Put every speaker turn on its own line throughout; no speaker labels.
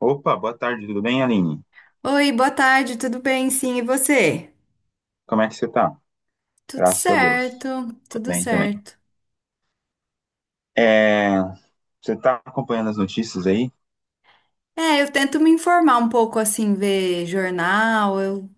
Opa, boa tarde, tudo bem, Aline?
Oi, boa tarde, tudo bem? Sim, e você?
Como é que você tá?
Tudo
Graças a Deus.
certo,
Tô
tudo
bem também.
certo.
É, você tá acompanhando as notícias aí?
É, eu tento me informar um pouco assim, ver jornal.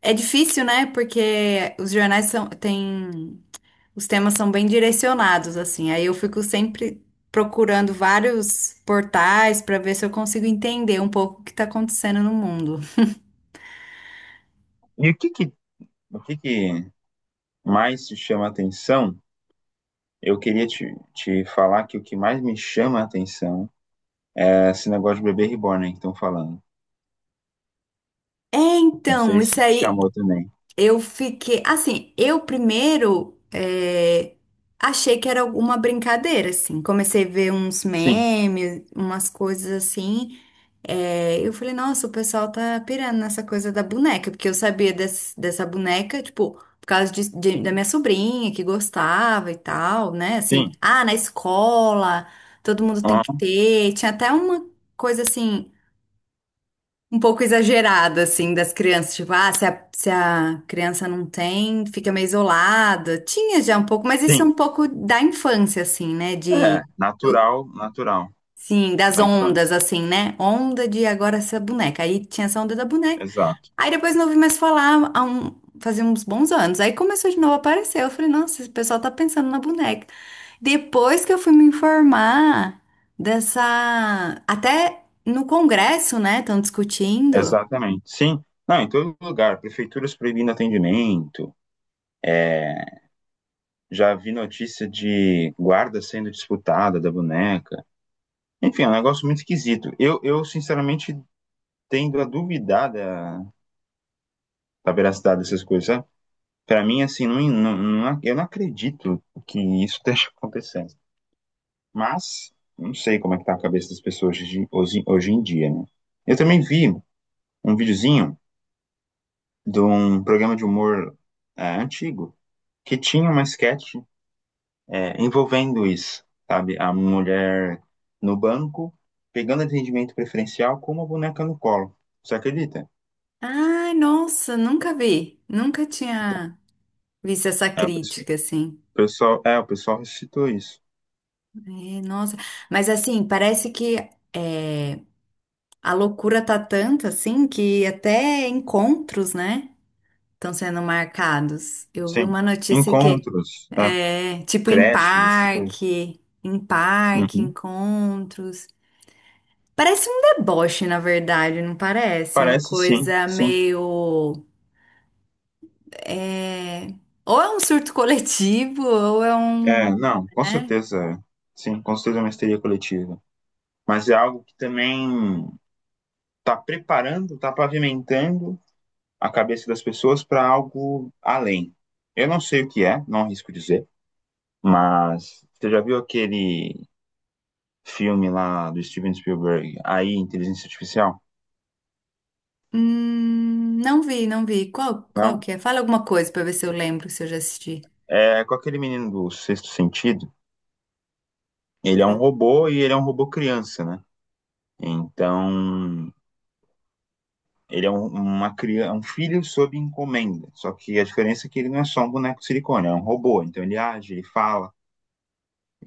É difícil, né? Porque os jornais são, tem os temas são bem direcionados assim. Aí eu fico sempre procurando vários portais para ver se eu consigo entender um pouco o que está acontecendo no mundo.
E o que que mais te chama a atenção? Eu queria te falar que o que mais me chama a atenção é esse negócio de bebê reborn aí que estão falando.
É,
Não sei
então, isso
se te
aí.
chamou também.
Eu fiquei, assim, eu primeiro achei que era alguma brincadeira, assim. Comecei a ver uns
Sim,
memes, umas coisas assim. Eu falei, nossa, o pessoal tá pirando nessa coisa da boneca, porque eu sabia dessa boneca, tipo, por causa da minha sobrinha que gostava e tal, né? Assim,
sim,
ah, na escola, todo mundo tem que
aham,
ter. Tinha até uma coisa assim um pouco exagerada, assim, das crianças. Tipo, ah, se a criança não tem, fica meio isolada. Tinha já um pouco, mas isso é
sim.
um pouco da infância, assim, né?
É,
Do-
natural, natural,
sim, das
da
ondas,
infância.
assim, né? Onda de agora essa boneca. Aí tinha essa onda da boneca.
Exato,
Aí depois não ouvi mais falar fazia uns bons anos. Aí começou de novo a aparecer. Eu falei, nossa, esse pessoal tá pensando na boneca. Depois que eu fui me informar dessa. Até no Congresso, né? Estão discutindo.
exatamente. Sim, não, em todo lugar. Prefeituras proibindo atendimento. Já vi notícia de guarda sendo disputada da boneca. Enfim, é um negócio muito esquisito. Eu sinceramente, tendo a duvidar da veracidade dessas coisas, sabe? Pra mim, assim, eu não acredito que isso esteja acontecendo. Mas não sei como é que tá a cabeça das pessoas hoje em dia, né? Eu também vi um videozinho de um programa de humor antigo, que tinha uma sketch envolvendo isso, sabe? A mulher no banco, pegando atendimento preferencial com uma boneca no colo. Você acredita?
Ai, nossa, nunca vi. Nunca tinha visto essa
É, o pessoal,
crítica, assim.
o pessoal- é, o pessoal ressuscitou isso.
É, nossa. Mas, assim, parece que é, a loucura tá tanto, assim, que até encontros, né, estão sendo marcados. Eu vi
Sim.
uma notícia que,
Encontros,
é, tipo, em
creches, essas coisas.
parque, em parque,
Uhum.
encontros. Parece um deboche, na verdade, não parece? Uma
Parece, sim,
coisa
sim.
meio. É, ou é um surto coletivo, ou é
É,
um,
não, com
né?
certeza, é. Sim, com certeza é uma histeria coletiva. Mas é algo que também está preparando, está pavimentando a cabeça das pessoas para algo além. Eu não sei o que é, não arrisco dizer. Mas você já viu aquele filme lá do Steven Spielberg, AI, Inteligência Artificial?
Não vi, não vi. Qual
Não?
que é? Fala alguma coisa pra ver se eu lembro, se eu já assisti.
É com aquele menino do Sexto Sentido. Ele é um robô e ele é um robô criança, né? Então, ele é uma criança, um filho sob encomenda. Só que a diferença é que ele não é só um boneco de silicone, é um robô. Então ele age, ele fala.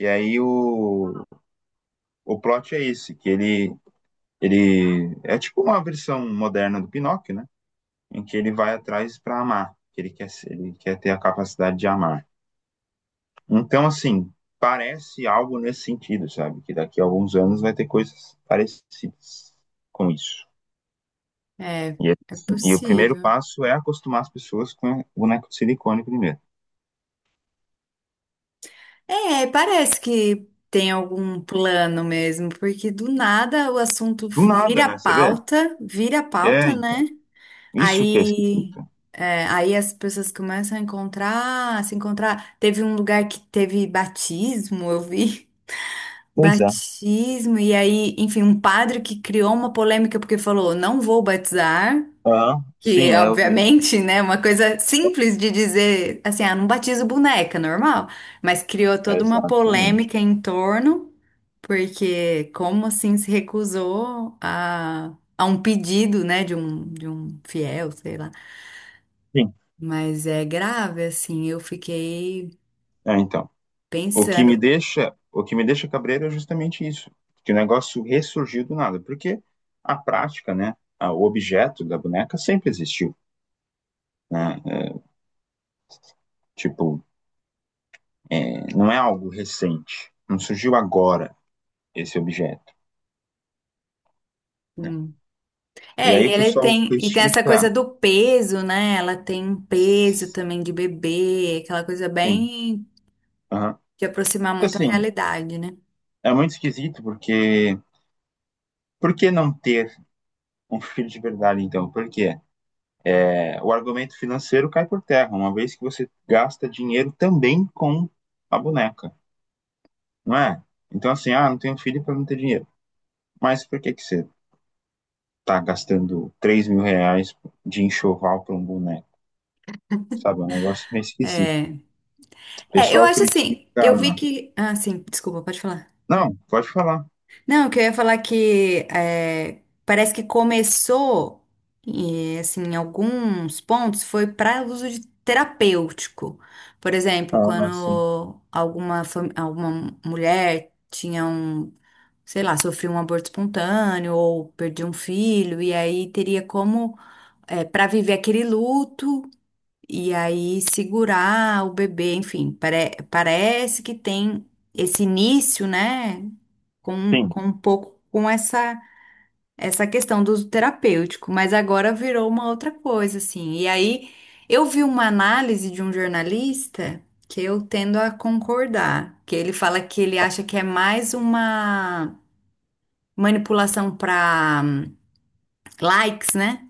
E aí o plot é esse, que ele é tipo uma versão moderna do Pinóquio, né? Em que ele vai atrás para amar, que ele quer ter a capacidade de amar. Então, assim, parece algo nesse sentido, sabe? Que daqui a alguns anos vai ter coisas parecidas com isso.
É. É
Assim, e o primeiro
possível.
passo é acostumar as pessoas com o boneco de silicone primeiro.
É, parece que tem algum plano mesmo, porque do nada o assunto
Do nada, né? Você vê?
vira
É,
pauta,
então.
né?
Isso que é
Aí,
esquisito.
aí as pessoas começam a encontrar, a se encontrar. Teve um lugar que teve batismo, eu vi.
Pois é.
Batismo, e aí, enfim, um padre que criou uma polêmica porque falou, não vou batizar,
Ah,
que
sim, eu vi.
obviamente, né, uma coisa simples de dizer, assim, ah, não batizo boneca, normal, mas criou toda uma
Exatamente.
polêmica em torno, porque como assim se recusou a um pedido, né, de um fiel, sei lá.
Sim,
Mas é grave, assim, eu fiquei
então. O que me
pensando.
deixa, o que me deixa cabreiro é justamente isso, que o negócio ressurgiu do nada, porque a prática, né, o objeto da boneca sempre existiu, né? É, tipo, não é algo recente, não surgiu agora esse objeto, né?
Hum.
E
É,
aí o pessoal
e tem essa coisa
critica,
do peso, né? Ela tem um peso também de bebê, aquela coisa
sim,
bem
aham.
de aproximar muito a
Assim,
realidade, né?
é muito esquisito porque, por que não ter um filho de verdade então? Por quê? É, o argumento financeiro cai por terra, uma vez que você gasta dinheiro também com a boneca, não é? Então, assim, não tenho filho para não ter dinheiro. Mas por que, que você tá gastando R$ 3.000 de enxoval para um boneco? Sabe, é um negócio meio esquisito.
É.
O
É, eu
pessoal
acho assim,
critica.
eu vi que. Ah, sim, desculpa, pode falar.
Não, pode falar.
Não, que eu ia falar que é, parece que começou, e, assim, em alguns pontos, foi para uso de terapêutico. Por exemplo,
Ah, sim.
quando alguma mulher tinha um, sei lá, sofreu um aborto espontâneo ou perdeu um filho, e aí teria como, para viver aquele luto. E aí segurar o bebê, enfim, parece que tem esse início, né, com,
Sim.
com um pouco com essa questão do uso terapêutico, mas agora virou uma outra coisa, assim. E aí eu vi uma análise de um jornalista que eu tendo a concordar, que ele fala que ele acha que é mais uma manipulação para likes, né?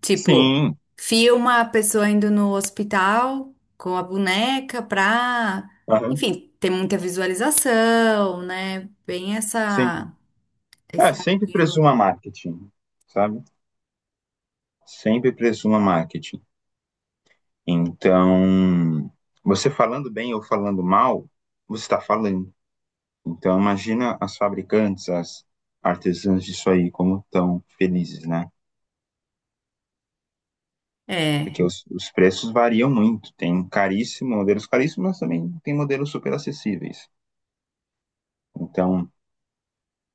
Tipo,
Sim.
filma a pessoa indo no hospital com a boneca pra,
Aham,
enfim, ter muita visualização, né? Bem
sim.
essa,
É,
esse
sempre
apelo.
presuma marketing, sabe? Sempre presuma marketing. Então, você falando bem ou falando mal, você está falando. Então, imagina as fabricantes, as artesãs disso aí, como estão felizes, né?
É.
Porque os preços variam muito. Tem caríssimo, modelos caríssimos, mas também tem modelos super acessíveis. Então,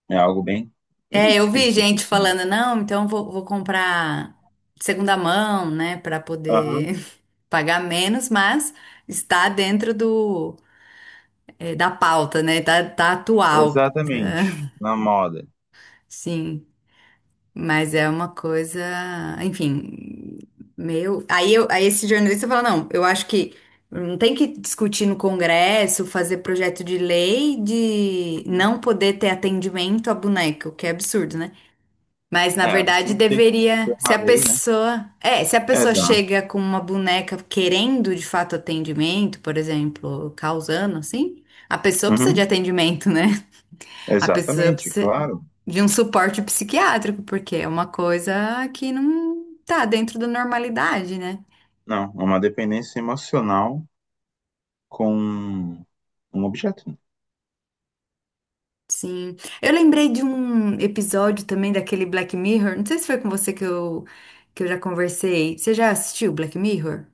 é algo bem, bem
É, eu vi
esquisito,
gente
assim.
falando, não, então vou, comprar de segunda mão, né, pra
Aham,
poder pagar menos, mas está dentro da pauta, né? Tá, tá atual.
exatamente.
Tá,
Na moda.
sim. Mas é uma coisa, enfim, meio. Aí esse jornalista fala: não, eu acho que não tem que discutir no Congresso, fazer projeto de lei de
Uhum.
não poder ter atendimento a boneca, o que é absurdo, né? Mas na
É
verdade
absurdo ter que ter
deveria, se
uma
a
lei, né?
pessoa, é, se a pessoa
Exato.
chega com uma boneca querendo de fato atendimento, por exemplo, causando assim, a pessoa precisa de
Uhum,
atendimento, né? A pessoa
exatamente,
precisa
claro.
de um suporte psiquiátrico, porque é uma coisa que não tá dentro da normalidade, né?
Não, é uma dependência emocional com um objeto?
Sim. Eu lembrei de um episódio também daquele Black Mirror. Não sei se foi com você que eu, já conversei. Você já assistiu Black Mirror?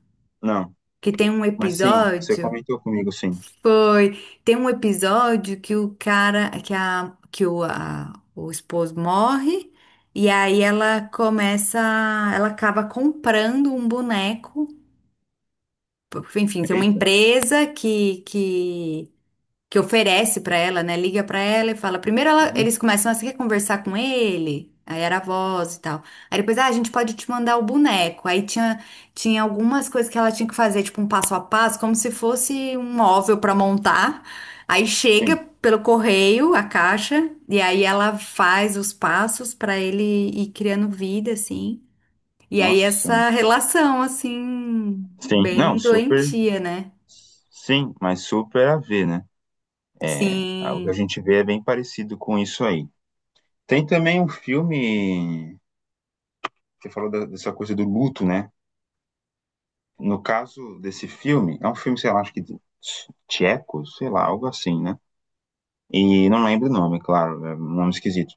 Não,
Que tem um
mas sim, você
episódio.
comentou comigo, sim.
Foi. Tem um episódio que o cara. Que, a, que o, a- O esposo morre. E aí ela começa. Ela acaba comprando um boneco. Enfim, tem uma
Eita,
empresa que oferece para ela, né? Liga para ela e fala. Primeiro
uhum,
eles começam a se conversar com ele, aí era a voz e tal. Aí depois, ah, a gente pode te mandar o boneco. Aí tinha algumas coisas que ela tinha que fazer, tipo um passo a passo, como se fosse um móvel para montar. Aí chega
sim.
pelo correio a caixa, e aí ela faz os passos para ele ir criando vida, assim. E aí
Nossa, mano.
essa relação, assim,
Sim, não,
bem
super,
doentia, né?
sim, mas super a ver, né? Ah, o que a
Sim.
gente vê é bem parecido com isso aí. Tem também um filme, você falou dessa coisa do luto, né? No caso desse filme, é um filme, sei lá, acho que tcheco, sei lá, algo assim, né? E não lembro o nome, claro, é um nome esquisito.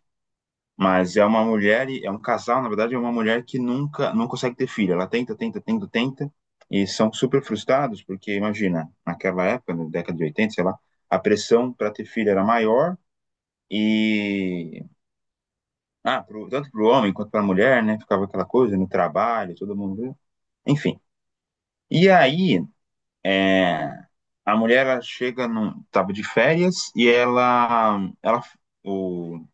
Mas é uma mulher, é um casal, na verdade, é uma mulher que nunca, não consegue ter filho. Ela tenta, tenta, tenta, tenta, e são super frustrados, porque imagina, naquela época, na década de 80, sei lá, a pressão para ter filho era maior, e. Ah, tanto para o homem quanto para a mulher, né? Ficava aquela coisa no trabalho, todo mundo, né? Enfim. E aí, é, a mulher ela chega, tava de férias, e ela o,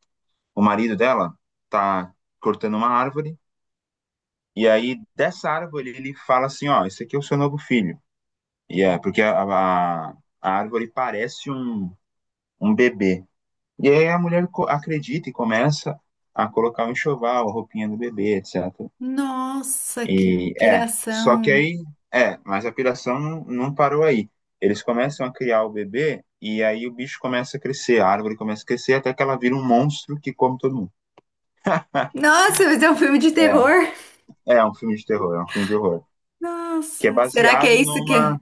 o marido dela tá cortando uma árvore. E aí, dessa árvore, ele fala assim: Ó, esse aqui é o seu novo filho. E é, porque a árvore parece um bebê. E aí a mulher acredita e começa a colocar o enxoval, a roupinha do bebê, etc.
Nossa, que
E é, só que
piração.
aí, mas a piração não, não parou aí. Eles começam a criar o bebê e aí o bicho começa a crescer, a árvore começa a crescer até que ela vira um monstro que come todo mundo.
Nossa, mas é um filme de terror.
É, é um filme de terror, é um filme de horror, que é
Nossa, será
baseado numa,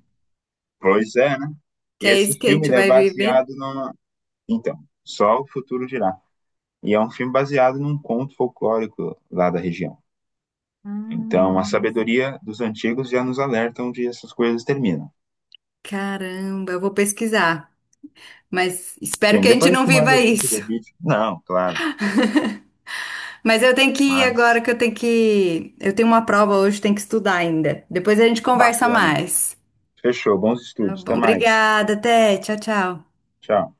pois é.
que
E
é
esse
isso que a
filme
gente
ele é
vai viver?
baseado no. Então, só o futuro dirá. E é um filme baseado num conto folclórico lá da região.
Ah,
Então, a
nossa.
sabedoria dos antigos já nos alerta onde essas coisas terminam.
Caramba, eu vou pesquisar. Mas espero
Sim,
que a gente
depois eu
não
te mando
viva
o link
isso.
do vídeo. Não, claro,
Mas eu tenho que ir agora,
mas
que. Eu tenho uma prova hoje, tenho que estudar ainda. Depois a gente conversa
bacana.
mais.
Fechou, bons
Tá
estudos, até
bom,
mais.
obrigada, até. Tchau, tchau.
Tchau.